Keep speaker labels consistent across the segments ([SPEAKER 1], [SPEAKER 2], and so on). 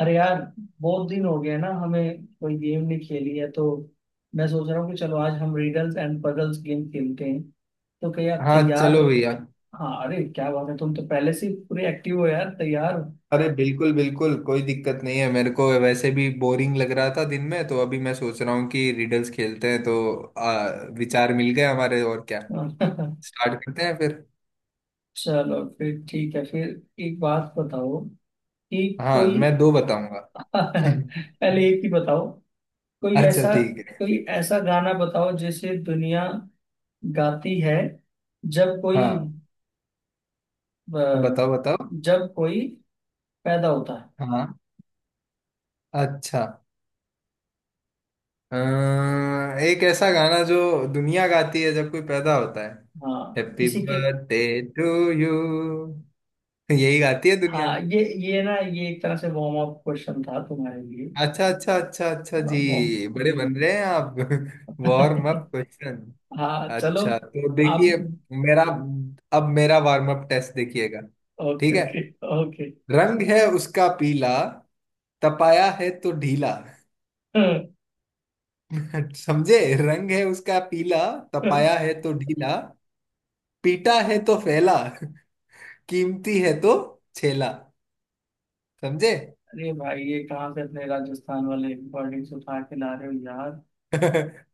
[SPEAKER 1] अरे यार, बहुत दिन हो गया ना, हमें कोई गेम नहीं खेली है। तो मैं सोच रहा हूँ कि चलो आज हम रिडल्स एंड पजल्स गेम खेलते हैं। तो क्या आप
[SPEAKER 2] हाँ
[SPEAKER 1] तैयार?
[SPEAKER 2] चलो भैया।
[SPEAKER 1] हाँ, अरे क्या बात है, तुम तो पहले से ही पूरे एक्टिव हो यार। तैयार
[SPEAKER 2] अरे बिल्कुल बिल्कुल कोई दिक्कत नहीं है मेरे को, वैसे भी बोरिंग लग रहा था दिन में, तो अभी मैं सोच रहा हूँ कि रिडल्स खेलते हैं तो आ, विचार मिल गए हमारे, और क्या।
[SPEAKER 1] हो।
[SPEAKER 2] स्टार्ट करते हैं फिर।
[SPEAKER 1] चलो फिर, ठीक है फिर। एक बात बताओ कि
[SPEAKER 2] हाँ,
[SPEAKER 1] कोई।
[SPEAKER 2] मैं दो बताऊंगा।
[SPEAKER 1] पहले एक ही बताओ। कोई
[SPEAKER 2] अच्छा
[SPEAKER 1] ऐसा
[SPEAKER 2] ठीक है।
[SPEAKER 1] कोई ऐसा गाना बताओ जिसे दुनिया गाती है जब कोई,
[SPEAKER 2] हाँ
[SPEAKER 1] अ,
[SPEAKER 2] बताओ बताओ।
[SPEAKER 1] जब कोई पैदा होता है।
[SPEAKER 2] हाँ अच्छा। एक ऐसा गाना जो दुनिया गाती है जब कोई पैदा होता है,
[SPEAKER 1] हाँ,
[SPEAKER 2] हैप्पी
[SPEAKER 1] किसी के।
[SPEAKER 2] Birthday to you. यही गाती है दुनिया।
[SPEAKER 1] हाँ, ये ना, ये एक तरह से वार्म अप क्वेश्चन था तुम्हारे लिए।
[SPEAKER 2] अच्छा अच्छा अच्छा अच्छा,
[SPEAKER 1] हाँ
[SPEAKER 2] जी बड़े बन
[SPEAKER 1] वार्म।
[SPEAKER 2] रहे हैं आप। Warm up question.
[SPEAKER 1] हाँ चलो।
[SPEAKER 2] अच्छा तो देखिए
[SPEAKER 1] अब
[SPEAKER 2] मेरा, अब मेरा वार्म अप टेस्ट देखिएगा। ठीक
[SPEAKER 1] ओके,
[SPEAKER 2] है।
[SPEAKER 1] Okay, okay.
[SPEAKER 2] रंग है उसका पीला, तपाया है तो ढीला। समझे? रंग है उसका पीला, तपाया है तो ढीला, पीटा है तो फैला, कीमती है तो छेला। समझे?
[SPEAKER 1] अरे भाई, ये कहाँ से अपने राजस्थान वाले वर्डिंग्स उठा के ला रहे हो यार?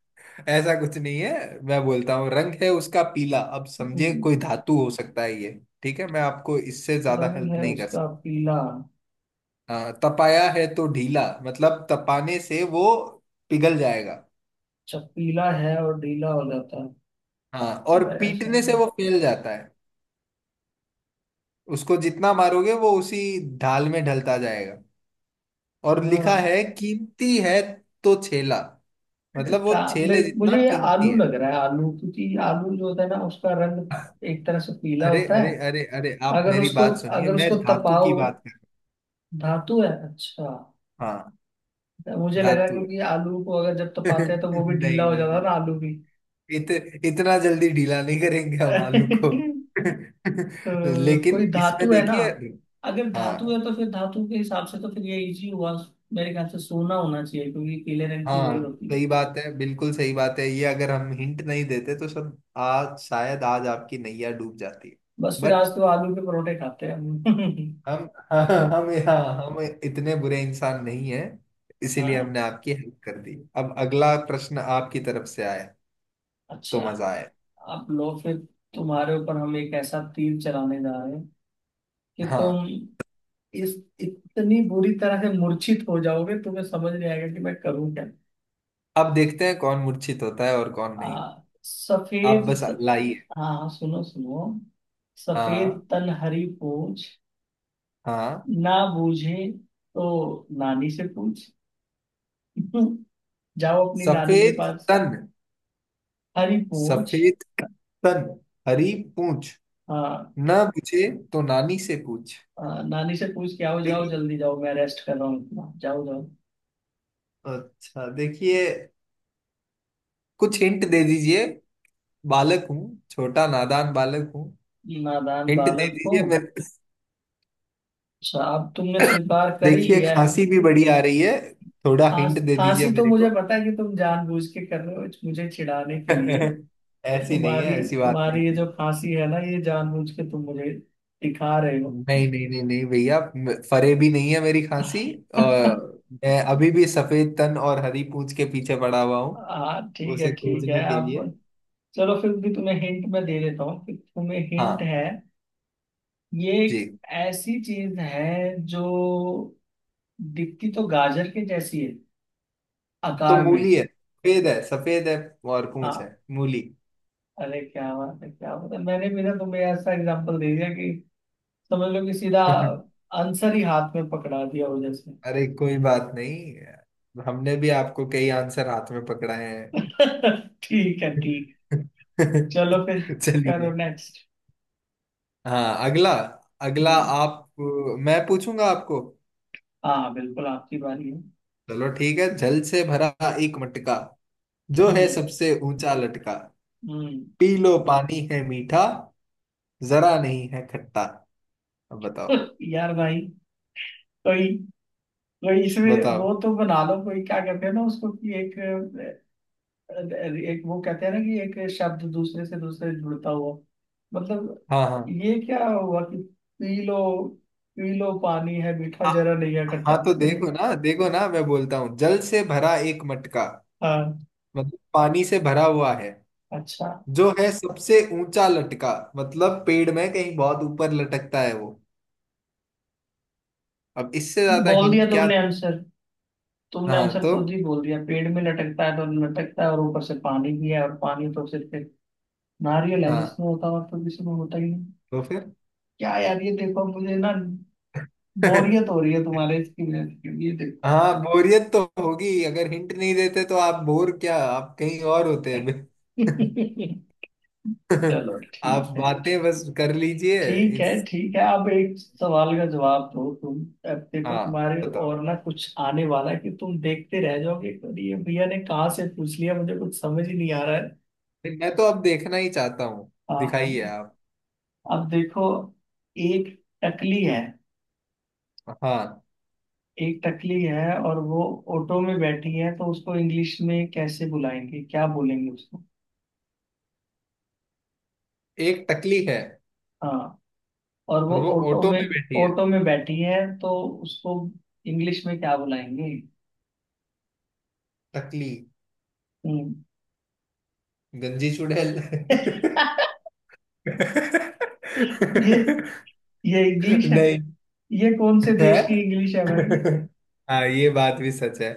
[SPEAKER 2] ऐसा कुछ नहीं है, मैं बोलता हूँ रंग है उसका पीला, अब समझे
[SPEAKER 1] हम्म।
[SPEAKER 2] कोई धातु हो सकता है ये। ठीक है, मैं आपको इससे ज्यादा
[SPEAKER 1] रंग
[SPEAKER 2] हेल्प
[SPEAKER 1] है
[SPEAKER 2] नहीं कर
[SPEAKER 1] उसका
[SPEAKER 2] सकता।
[SPEAKER 1] पीला।
[SPEAKER 2] हाँ, तपाया है तो ढीला मतलब तपाने से वो पिघल जाएगा।
[SPEAKER 1] अच्छा, पीला है और ढीला हो जाता है।
[SPEAKER 2] हाँ, और
[SPEAKER 1] यार ऐसा
[SPEAKER 2] पीटने से
[SPEAKER 1] नहीं।
[SPEAKER 2] वो फैल जाता है, उसको जितना मारोगे वो उसी ढाल में ढलता जाएगा। और लिखा
[SPEAKER 1] हाँ
[SPEAKER 2] है कीमती है तो छेला, मतलब
[SPEAKER 1] का
[SPEAKER 2] वो छेले
[SPEAKER 1] मेरे,
[SPEAKER 2] जितना
[SPEAKER 1] मुझे ये
[SPEAKER 2] कीमती
[SPEAKER 1] आलू
[SPEAKER 2] है।
[SPEAKER 1] लग रहा है, आलू, क्योंकि आलू जो होता है ना उसका रंग एक तरह से पीला
[SPEAKER 2] अरे
[SPEAKER 1] होता है।
[SPEAKER 2] अरे अरे अरे, आप
[SPEAKER 1] अगर
[SPEAKER 2] मेरी
[SPEAKER 1] उसको
[SPEAKER 2] बात सुनिए,
[SPEAKER 1] अगर
[SPEAKER 2] मैं
[SPEAKER 1] उसको
[SPEAKER 2] धातु
[SPEAKER 1] तपाओ।
[SPEAKER 2] की बात कर रहा
[SPEAKER 1] धातु है अच्छा।
[SPEAKER 2] हूँ। हाँ
[SPEAKER 1] तो मुझे लगा
[SPEAKER 2] धातु।
[SPEAKER 1] क्योंकि आलू को अगर जब तपाते हैं तो वो भी ढीला
[SPEAKER 2] नहीं
[SPEAKER 1] हो जाता
[SPEAKER 2] नहीं,
[SPEAKER 1] है ना, आलू भी।
[SPEAKER 2] इत, इतना जल्दी ढीला नहीं करेंगे हम आलू को।
[SPEAKER 1] तो कोई
[SPEAKER 2] लेकिन इसमें
[SPEAKER 1] धातु है ना।
[SPEAKER 2] देखिए।
[SPEAKER 1] अगर धातु
[SPEAKER 2] हाँ
[SPEAKER 1] है तो फिर धातु के हिसाब से तो फिर ये इजी हुआ। मेरे ख्याल से सोना होना चाहिए, क्योंकि पीले रंग की वही
[SPEAKER 2] हाँ,
[SPEAKER 1] होती है।
[SPEAKER 2] सही बात है, बिल्कुल सही बात है, ये अगर हम हिंट नहीं देते तो सब आज शायद आज आपकी नैया डूब जाती है।
[SPEAKER 1] बस फिर आज
[SPEAKER 2] बट
[SPEAKER 1] तो आलू के परोठे खाते हैं हम।
[SPEAKER 2] हम हाँ, हम हाँ, हम इतने बुरे इंसान नहीं हैं, इसीलिए
[SPEAKER 1] हाँ
[SPEAKER 2] हमने आपकी हेल्प कर दी। अब अगला प्रश्न आपकी तरफ से आए तो
[SPEAKER 1] अच्छा।
[SPEAKER 2] मजा आए।
[SPEAKER 1] आप लो फिर। तुम्हारे ऊपर हम एक ऐसा तीर चलाने जा रहे हैं कि
[SPEAKER 2] हाँ,
[SPEAKER 1] तुम इस इतनी बुरी तरह से मूर्छित हो जाओगे, तुम्हें समझ नहीं आएगा कि मैं करूं क्या।
[SPEAKER 2] अब देखते हैं कौन मूर्छित होता है और कौन नहीं। आप बस
[SPEAKER 1] सफेद।
[SPEAKER 2] लाइए।
[SPEAKER 1] हाँ, हाँ, सुनो सुनो।
[SPEAKER 2] हाँ
[SPEAKER 1] सफेद तन हरी पूछ,
[SPEAKER 2] हाँ।
[SPEAKER 1] ना बूझे तो नानी से पूछ। जाओ अपनी नानी के
[SPEAKER 2] सफेद
[SPEAKER 1] पास।
[SPEAKER 2] तन।
[SPEAKER 1] हरी पूछ।
[SPEAKER 2] सफेद तन हरी पूछ,
[SPEAKER 1] हाँ,
[SPEAKER 2] ना पूछे तो नानी से पूछ।
[SPEAKER 1] हाँ, नानी से पूछ के आओ, जाओ
[SPEAKER 2] देखिए,
[SPEAKER 1] जल्दी जाओ, मैं रेस्ट कर रहा हूँ इतना, जाओ जाओ।
[SPEAKER 2] अच्छा देखिए, कुछ हिंट दे दीजिए। बालक हूँ, छोटा नादान बालक हूँ।
[SPEAKER 1] नादान
[SPEAKER 2] हिंट दे
[SPEAKER 1] बालक हो।
[SPEAKER 2] दीजिए मेरे।
[SPEAKER 1] अच्छा, अब तुमने स्वीकार कर ही
[SPEAKER 2] देखिए
[SPEAKER 1] लिया है।
[SPEAKER 2] खांसी भी बड़ी आ रही है, थोड़ा हिंट दे
[SPEAKER 1] खांसी
[SPEAKER 2] दीजिए
[SPEAKER 1] तो
[SPEAKER 2] मेरे
[SPEAKER 1] मुझे
[SPEAKER 2] को।
[SPEAKER 1] पता है कि तुम जानबूझ के कर रहे हो, मुझे चिढ़ाने के लिए।
[SPEAKER 2] ऐसी नहीं है,
[SPEAKER 1] तुम्हारी
[SPEAKER 2] ऐसी बात
[SPEAKER 1] तुम्हारी ये
[SPEAKER 2] नहीं।
[SPEAKER 1] जो खांसी है ना, ये जानबूझ के तुम मुझे दिखा रहे हो।
[SPEAKER 2] नहीं नहीं नहीं नहीं भैया, म- फरे भी नहीं है मेरी खांसी। और मैं अभी भी सफेद तन और हरी पूंछ के पीछे पड़ा हुआ हूँ,
[SPEAKER 1] हाँ ठीक
[SPEAKER 2] उसे
[SPEAKER 1] है, ठीक है
[SPEAKER 2] खोजने के लिए।
[SPEAKER 1] अब। चलो फिर भी तुम्हें हिंट मैं दे देता हूँ कि तुम्हें हिंट
[SPEAKER 2] हाँ
[SPEAKER 1] है। ये एक
[SPEAKER 2] जी।
[SPEAKER 1] ऐसी चीज है जो दिखती तो गाजर के जैसी है,
[SPEAKER 2] तो
[SPEAKER 1] आकार में।
[SPEAKER 2] मूली है, सफेद है, सफेद है और पूंछ
[SPEAKER 1] हाँ,
[SPEAKER 2] है मूली।
[SPEAKER 1] अरे क्या बात है, क्या बात है, मैंने भी ना तुम्हें ऐसा एग्जांपल दे दिया कि समझ लो कि सीधा आंसर ही हाथ में पकड़ा दिया वजह से।
[SPEAKER 2] अरे कोई बात नहीं, हमने भी आपको कई आंसर हाथ में पकड़ाए हैं।
[SPEAKER 1] ठीक है ठीक। चलो फिर, करो
[SPEAKER 2] चलिए।
[SPEAKER 1] नेक्स्ट।
[SPEAKER 2] हाँ अगला। अगला
[SPEAKER 1] हम्म।
[SPEAKER 2] आप, मैं पूछूंगा आपको।
[SPEAKER 1] हाँ बिल्कुल आपकी बारी है।
[SPEAKER 2] चलो ठीक है। जल से भरा एक मटका, जो है
[SPEAKER 1] हम्म।
[SPEAKER 2] सबसे ऊंचा लटका,
[SPEAKER 1] हम्म।
[SPEAKER 2] पी लो पानी है मीठा, जरा नहीं है खट्टा। अब बताओ।
[SPEAKER 1] यार भाई, कोई कोई इसमें वो
[SPEAKER 2] बताओ।
[SPEAKER 1] तो बना लो, कोई क्या कहते हैं ना उसको कि एक, एक वो कहते हैं ना कि एक शब्द दूसरे से दूसरे जुड़ता हुआ, मतलब।
[SPEAKER 2] हाँ हाँ।
[SPEAKER 1] ये क्या हुआ कि पी लो, पी लो पानी है मीठा,
[SPEAKER 2] आ-
[SPEAKER 1] जरा नहीं है खट्टा।
[SPEAKER 2] हाँ तो
[SPEAKER 1] ये,
[SPEAKER 2] देखो ना, देखो ना, मैं बोलता हूँ जल से भरा एक मटका
[SPEAKER 1] हाँ,
[SPEAKER 2] मतलब पानी से भरा हुआ है,
[SPEAKER 1] अच्छा।
[SPEAKER 2] जो है सबसे ऊंचा लटका मतलब पेड़ में कहीं बहुत ऊपर लटकता है वो। अब इससे ज्यादा
[SPEAKER 1] बोल दिया
[SPEAKER 2] हिंट क्या
[SPEAKER 1] तुमने
[SPEAKER 2] दूँ?
[SPEAKER 1] आंसर। तुमने
[SPEAKER 2] हाँ
[SPEAKER 1] आंसर
[SPEAKER 2] तो।
[SPEAKER 1] खुद ही बोल दिया, पेड़ में लटकता है तो लटकता है और ऊपर से पानी भी है, और पानी तो सिर्फ एक नारियल है
[SPEAKER 2] हाँ
[SPEAKER 1] जिसमें होता हुआ, तो किसी में होता ही नहीं।
[SPEAKER 2] तो फिर।
[SPEAKER 1] क्या यार ये देखो, मुझे ना बोरियत हो रही है तुम्हारे इसकी वजह से, ये देखो।
[SPEAKER 2] हाँ बोरियत तो होगी, अगर हिंट नहीं देते तो। आप बोर क्या, आप कहीं और होते हैं।
[SPEAKER 1] चलो
[SPEAKER 2] आप
[SPEAKER 1] ठीक है।
[SPEAKER 2] बातें बस कर लीजिए।
[SPEAKER 1] ठीक है,
[SPEAKER 2] इस,
[SPEAKER 1] ठीक है, अब एक सवाल का जवाब दो तुम। अब देखो
[SPEAKER 2] हाँ
[SPEAKER 1] तुम्हारे
[SPEAKER 2] बताओ।
[SPEAKER 1] और ना कुछ आने वाला है कि तुम देखते रह जाओगे कि ये भैया ने कहाँ से पूछ लिया, मुझे कुछ समझ ही नहीं आ रहा है।
[SPEAKER 2] नहीं, मैं तो अब देखना ही चाहता हूँ।
[SPEAKER 1] हाँ, हाँ।
[SPEAKER 2] दिखाइए आप।
[SPEAKER 1] अब देखो, एक टकली है
[SPEAKER 2] हाँ,
[SPEAKER 1] एक टकली है और वो ऑटो में बैठी है, तो उसको इंग्लिश में कैसे बुलाएंगे, क्या बोलेंगे उसको।
[SPEAKER 2] एक टकली है
[SPEAKER 1] हाँ, और वो
[SPEAKER 2] और वो ऑटो में बैठी है।
[SPEAKER 1] ऑटो में बैठी है, तो उसको इंग्लिश में क्या बुलाएंगे।
[SPEAKER 2] टकली
[SPEAKER 1] हम्म।
[SPEAKER 2] गंजी चुड़ैल।
[SPEAKER 1] ये ये इंग्लिश है?
[SPEAKER 2] नहीं
[SPEAKER 1] ये कौन से
[SPEAKER 2] है।
[SPEAKER 1] देश की इंग्लिश है भाई?
[SPEAKER 2] हाँ ये बात भी सच है।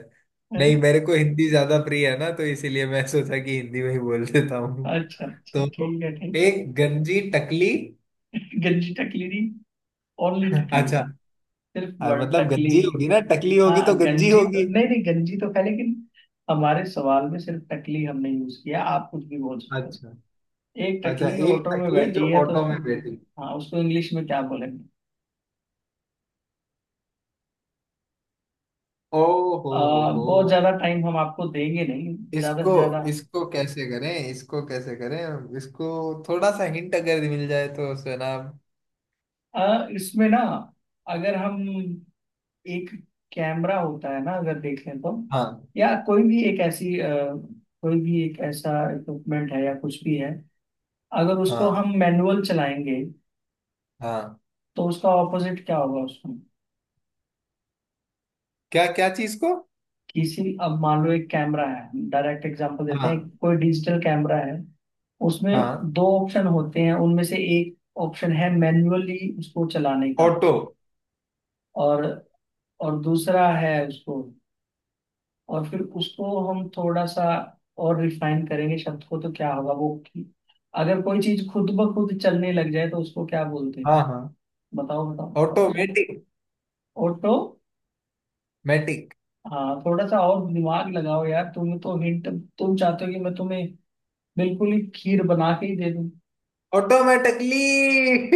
[SPEAKER 1] हैं?
[SPEAKER 2] नहीं, मेरे को हिंदी ज्यादा प्रिय है ना, तो इसीलिए मैं सोचा कि हिंदी में ही बोल देता हूँ।
[SPEAKER 1] अच्छा, अच्छा,
[SPEAKER 2] तो
[SPEAKER 1] ठीक है ठीक।
[SPEAKER 2] एक गंजी टकली।
[SPEAKER 1] है गंजी टकली नहीं, ओनली टकली,
[SPEAKER 2] अच्छा।
[SPEAKER 1] सिर्फ
[SPEAKER 2] हाँ,
[SPEAKER 1] वर्ड
[SPEAKER 2] मतलब
[SPEAKER 1] टकली।
[SPEAKER 2] गंजी होगी ना, टकली
[SPEAKER 1] हाँ
[SPEAKER 2] होगी तो गंजी
[SPEAKER 1] गंजी तो
[SPEAKER 2] होगी।
[SPEAKER 1] नहीं, नहीं गंजी तो खाई लेकिन हमारे सवाल में सिर्फ टकली हमने यूज किया, आप कुछ भी बोल सकते हो।
[SPEAKER 2] अच्छा।
[SPEAKER 1] एक
[SPEAKER 2] अच्छा
[SPEAKER 1] टकली
[SPEAKER 2] एक
[SPEAKER 1] ऑटो में
[SPEAKER 2] टकली
[SPEAKER 1] बैठी
[SPEAKER 2] जो
[SPEAKER 1] है तो
[SPEAKER 2] ऑटो में
[SPEAKER 1] उसको।
[SPEAKER 2] बैठी।
[SPEAKER 1] हाँ, उसको इंग्लिश में क्या बोलेंगे?
[SPEAKER 2] ओ
[SPEAKER 1] आ,
[SPEAKER 2] हो हो।
[SPEAKER 1] बहुत ज्यादा टाइम हम आपको देंगे नहीं, ज्यादा
[SPEAKER 2] इसको,
[SPEAKER 1] से ज्यादा।
[SPEAKER 2] इसको कैसे करें, इसको कैसे करें, इसको थोड़ा सा हिंट अगर मिल जाए तो सुना।
[SPEAKER 1] इसमें ना, अगर हम एक, कैमरा होता है ना अगर देख लें तो,
[SPEAKER 2] हाँ
[SPEAKER 1] या कोई भी एक ऐसी, कोई भी एक ऐसा इक्विपमेंट है या कुछ भी है, अगर उसको
[SPEAKER 2] हाँ
[SPEAKER 1] हम मैनुअल चलाएंगे
[SPEAKER 2] हाँ।
[SPEAKER 1] तो उसका ऑपोजिट क्या होगा उसमें।
[SPEAKER 2] क्या क्या चीज को?
[SPEAKER 1] किसी, अब मान लो एक कैमरा है, डायरेक्ट एग्जांपल देते
[SPEAKER 2] हाँ
[SPEAKER 1] हैं, कोई डिजिटल कैमरा है, उसमें
[SPEAKER 2] हाँ।
[SPEAKER 1] दो ऑप्शन होते हैं, उनमें से एक ऑप्शन है मैन्युअली उसको चलाने का,
[SPEAKER 2] ऑटो।
[SPEAKER 1] और दूसरा है उसको, और फिर उसको हम थोड़ा सा और रिफाइन करेंगे शब्द को, तो क्या होगा वो कि अगर कोई चीज खुद ब खुद चलने लग जाए तो उसको क्या बोलते हैं।
[SPEAKER 2] हाँ हाँ।
[SPEAKER 1] बताओ बताओ बताओ, चलो।
[SPEAKER 2] Automatic
[SPEAKER 1] auto.
[SPEAKER 2] मैटिक।
[SPEAKER 1] हाँ, थोड़ा सा और दिमाग लगाओ यार, तुम तो हिंट, तुम चाहते हो कि मैं तुम्हें बिल्कुल ही खीर बना के ही दे दूं।
[SPEAKER 2] ऑटोमेटिकली।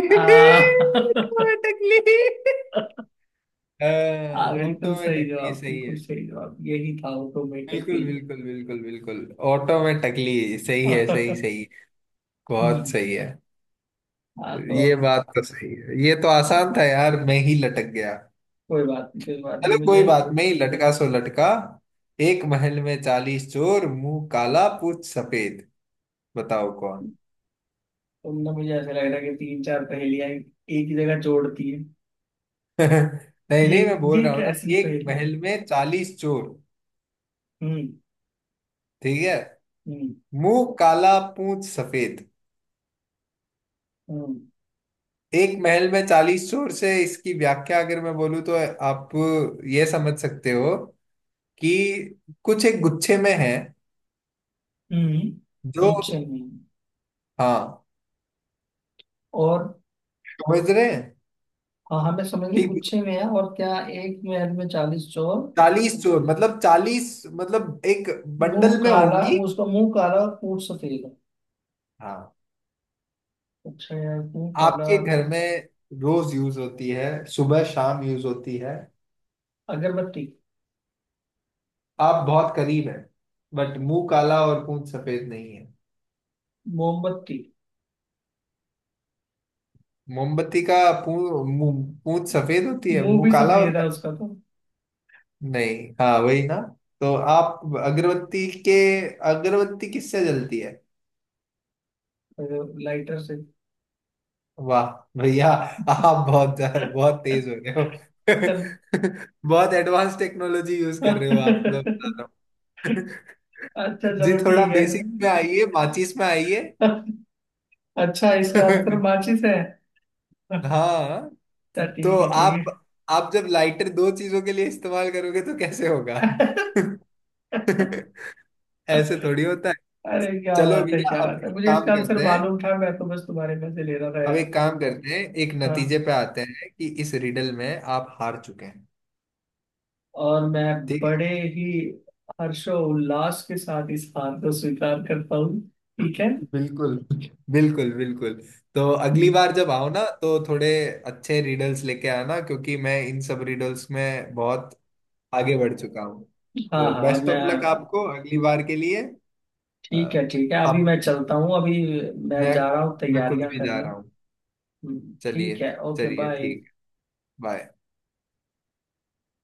[SPEAKER 1] आ,
[SPEAKER 2] ऑटोमेटिकली।
[SPEAKER 1] हाँ, बिल्कुल सही
[SPEAKER 2] ऑटोमेटिकली
[SPEAKER 1] जवाब,
[SPEAKER 2] सही
[SPEAKER 1] बिल्कुल
[SPEAKER 2] है।
[SPEAKER 1] सही जवाब, यही था
[SPEAKER 2] बिल्कुल
[SPEAKER 1] ऑटोमेटिकली।
[SPEAKER 2] बिल्कुल बिल्कुल बिल्कुल। ऑटोमेटिकली सही है, सही
[SPEAKER 1] हम्म।
[SPEAKER 2] सही। बहुत सही है।
[SPEAKER 1] हाँ तो
[SPEAKER 2] ये
[SPEAKER 1] अब,
[SPEAKER 2] बात तो सही है, ये तो आसान था यार, मैं ही लटक गया।
[SPEAKER 1] कोई बात नहीं, कोई बात नहीं
[SPEAKER 2] चलो कोई
[SPEAKER 1] मुझे।
[SPEAKER 2] बात नहीं, लटका सो लटका। एक महल में 40 चोर, मुंह काला पूछ सफेद, बताओ कौन।
[SPEAKER 1] तुमने मुझे, ऐसा लग रहा है कि तीन चार पहेलियां एक ही जगह जोड़ती है।
[SPEAKER 2] नहीं
[SPEAKER 1] ये
[SPEAKER 2] नहीं, मैं बोल
[SPEAKER 1] ये
[SPEAKER 2] रहा हूँ ना,
[SPEAKER 1] कैसी
[SPEAKER 2] एक
[SPEAKER 1] पहेली?
[SPEAKER 2] महल में 40 चोर,
[SPEAKER 1] हम्म।
[SPEAKER 2] ठीक है,
[SPEAKER 1] हम्म।
[SPEAKER 2] मुंह काला पूंछ सफेद।
[SPEAKER 1] हम्म।
[SPEAKER 2] एक महल में चालीस चोर से इसकी व्याख्या अगर मैं बोलूँ तो आप ये समझ सकते हो कि कुछ एक गुच्छे में है
[SPEAKER 1] हम्म, गुच्छे
[SPEAKER 2] जो।
[SPEAKER 1] में है।
[SPEAKER 2] हाँ
[SPEAKER 1] और
[SPEAKER 2] समझ रहे हैं
[SPEAKER 1] हाँ, हमें समझ गए,
[SPEAKER 2] कि
[SPEAKER 1] गुच्छे में है और क्या, एक महल में 40 चोर,
[SPEAKER 2] 40 चोर मतलब 40 मतलब एक
[SPEAKER 1] मुंह
[SPEAKER 2] बंडल में
[SPEAKER 1] काला,
[SPEAKER 2] होंगी।
[SPEAKER 1] उसका मुंह काला और पूंछ सफेद।
[SPEAKER 2] हाँ।
[SPEAKER 1] अच्छा यार, मुंह काला।
[SPEAKER 2] आपके घर में रोज यूज होती है, सुबह शाम यूज होती है।
[SPEAKER 1] अगरबत्ती।
[SPEAKER 2] आप बहुत करीब हैं, बट मुंह काला और पूंछ सफेद नहीं है।
[SPEAKER 1] मोमबत्ती।
[SPEAKER 2] मोमबत्ती का मुंह पूंछ सफेद होती है,
[SPEAKER 1] मुंह
[SPEAKER 2] मुंह
[SPEAKER 1] भी
[SPEAKER 2] काला
[SPEAKER 1] सफेद
[SPEAKER 2] होता
[SPEAKER 1] है
[SPEAKER 2] है।
[SPEAKER 1] उसका तो।
[SPEAKER 2] नहीं, हाँ वही ना, तो आप अगरबत्ती के। अगरबत्ती किससे जलती है?
[SPEAKER 1] लाइटर से।
[SPEAKER 2] वाह भैया, आप बहुत बहुत तेज हो गए हो।
[SPEAKER 1] चल
[SPEAKER 2] बहुत एडवांस टेक्नोलॉजी यूज कर रहे हो आप,
[SPEAKER 1] अच्छा,
[SPEAKER 2] मैं बता रहा हूँ। जी
[SPEAKER 1] चलो
[SPEAKER 2] थोड़ा
[SPEAKER 1] ठीक है।
[SPEAKER 2] बेसिक में आइए, माचिस में आइए।
[SPEAKER 1] अच्छा इसका आंसर माचिस है। अच्छा
[SPEAKER 2] हाँ तो
[SPEAKER 1] ठीक है, ठीक है।
[SPEAKER 2] आप जब लाइटर दो चीजों के लिए इस्तेमाल करोगे तो कैसे होगा? ऐसे थोड़ी होता है।
[SPEAKER 1] अरे क्या
[SPEAKER 2] चलो
[SPEAKER 1] बात है,
[SPEAKER 2] भैया
[SPEAKER 1] क्या
[SPEAKER 2] अब
[SPEAKER 1] बात है,
[SPEAKER 2] एक
[SPEAKER 1] मुझे
[SPEAKER 2] काम
[SPEAKER 1] इसका आंसर
[SPEAKER 2] करते हैं,
[SPEAKER 1] मालूम था, मैं तो बस तुम्हारे में से ले रहा था
[SPEAKER 2] अब
[SPEAKER 1] यार।
[SPEAKER 2] एक काम करते हैं, एक नतीजे
[SPEAKER 1] हाँ,
[SPEAKER 2] पे आते हैं कि इस रिडल में आप हार चुके हैं।
[SPEAKER 1] और मैं
[SPEAKER 2] ठीक है।
[SPEAKER 1] बड़े ही हर्षो उल्लास के साथ इस हार को स्वीकार करता हूँ। ठीक है।
[SPEAKER 2] बिल्कुल बिल्कुल बिल्कुल। तो अगली
[SPEAKER 1] हम्म।
[SPEAKER 2] बार जब आओ ना तो थोड़े अच्छे रिडल्स लेके आना, क्योंकि मैं इन सब रिडल्स में बहुत आगे बढ़ चुका हूँ।
[SPEAKER 1] हाँ,
[SPEAKER 2] तो
[SPEAKER 1] हाँ,
[SPEAKER 2] बेस्ट ऑफ लक
[SPEAKER 1] मैं।
[SPEAKER 2] आपको अगली बार के लिए।
[SPEAKER 1] ठीक
[SPEAKER 2] अ,
[SPEAKER 1] है, ठीक है, अभी
[SPEAKER 2] आप,
[SPEAKER 1] मैं चलता हूँ, अभी मैं
[SPEAKER 2] मैं
[SPEAKER 1] जा रहा हूँ
[SPEAKER 2] मैं खुद
[SPEAKER 1] तैयारियां
[SPEAKER 2] भी जा
[SPEAKER 1] करने।
[SPEAKER 2] रहा हूँ। चलिए,
[SPEAKER 1] ठीक है, ओके
[SPEAKER 2] चलिए
[SPEAKER 1] बाय।
[SPEAKER 2] ठीक है। बाय।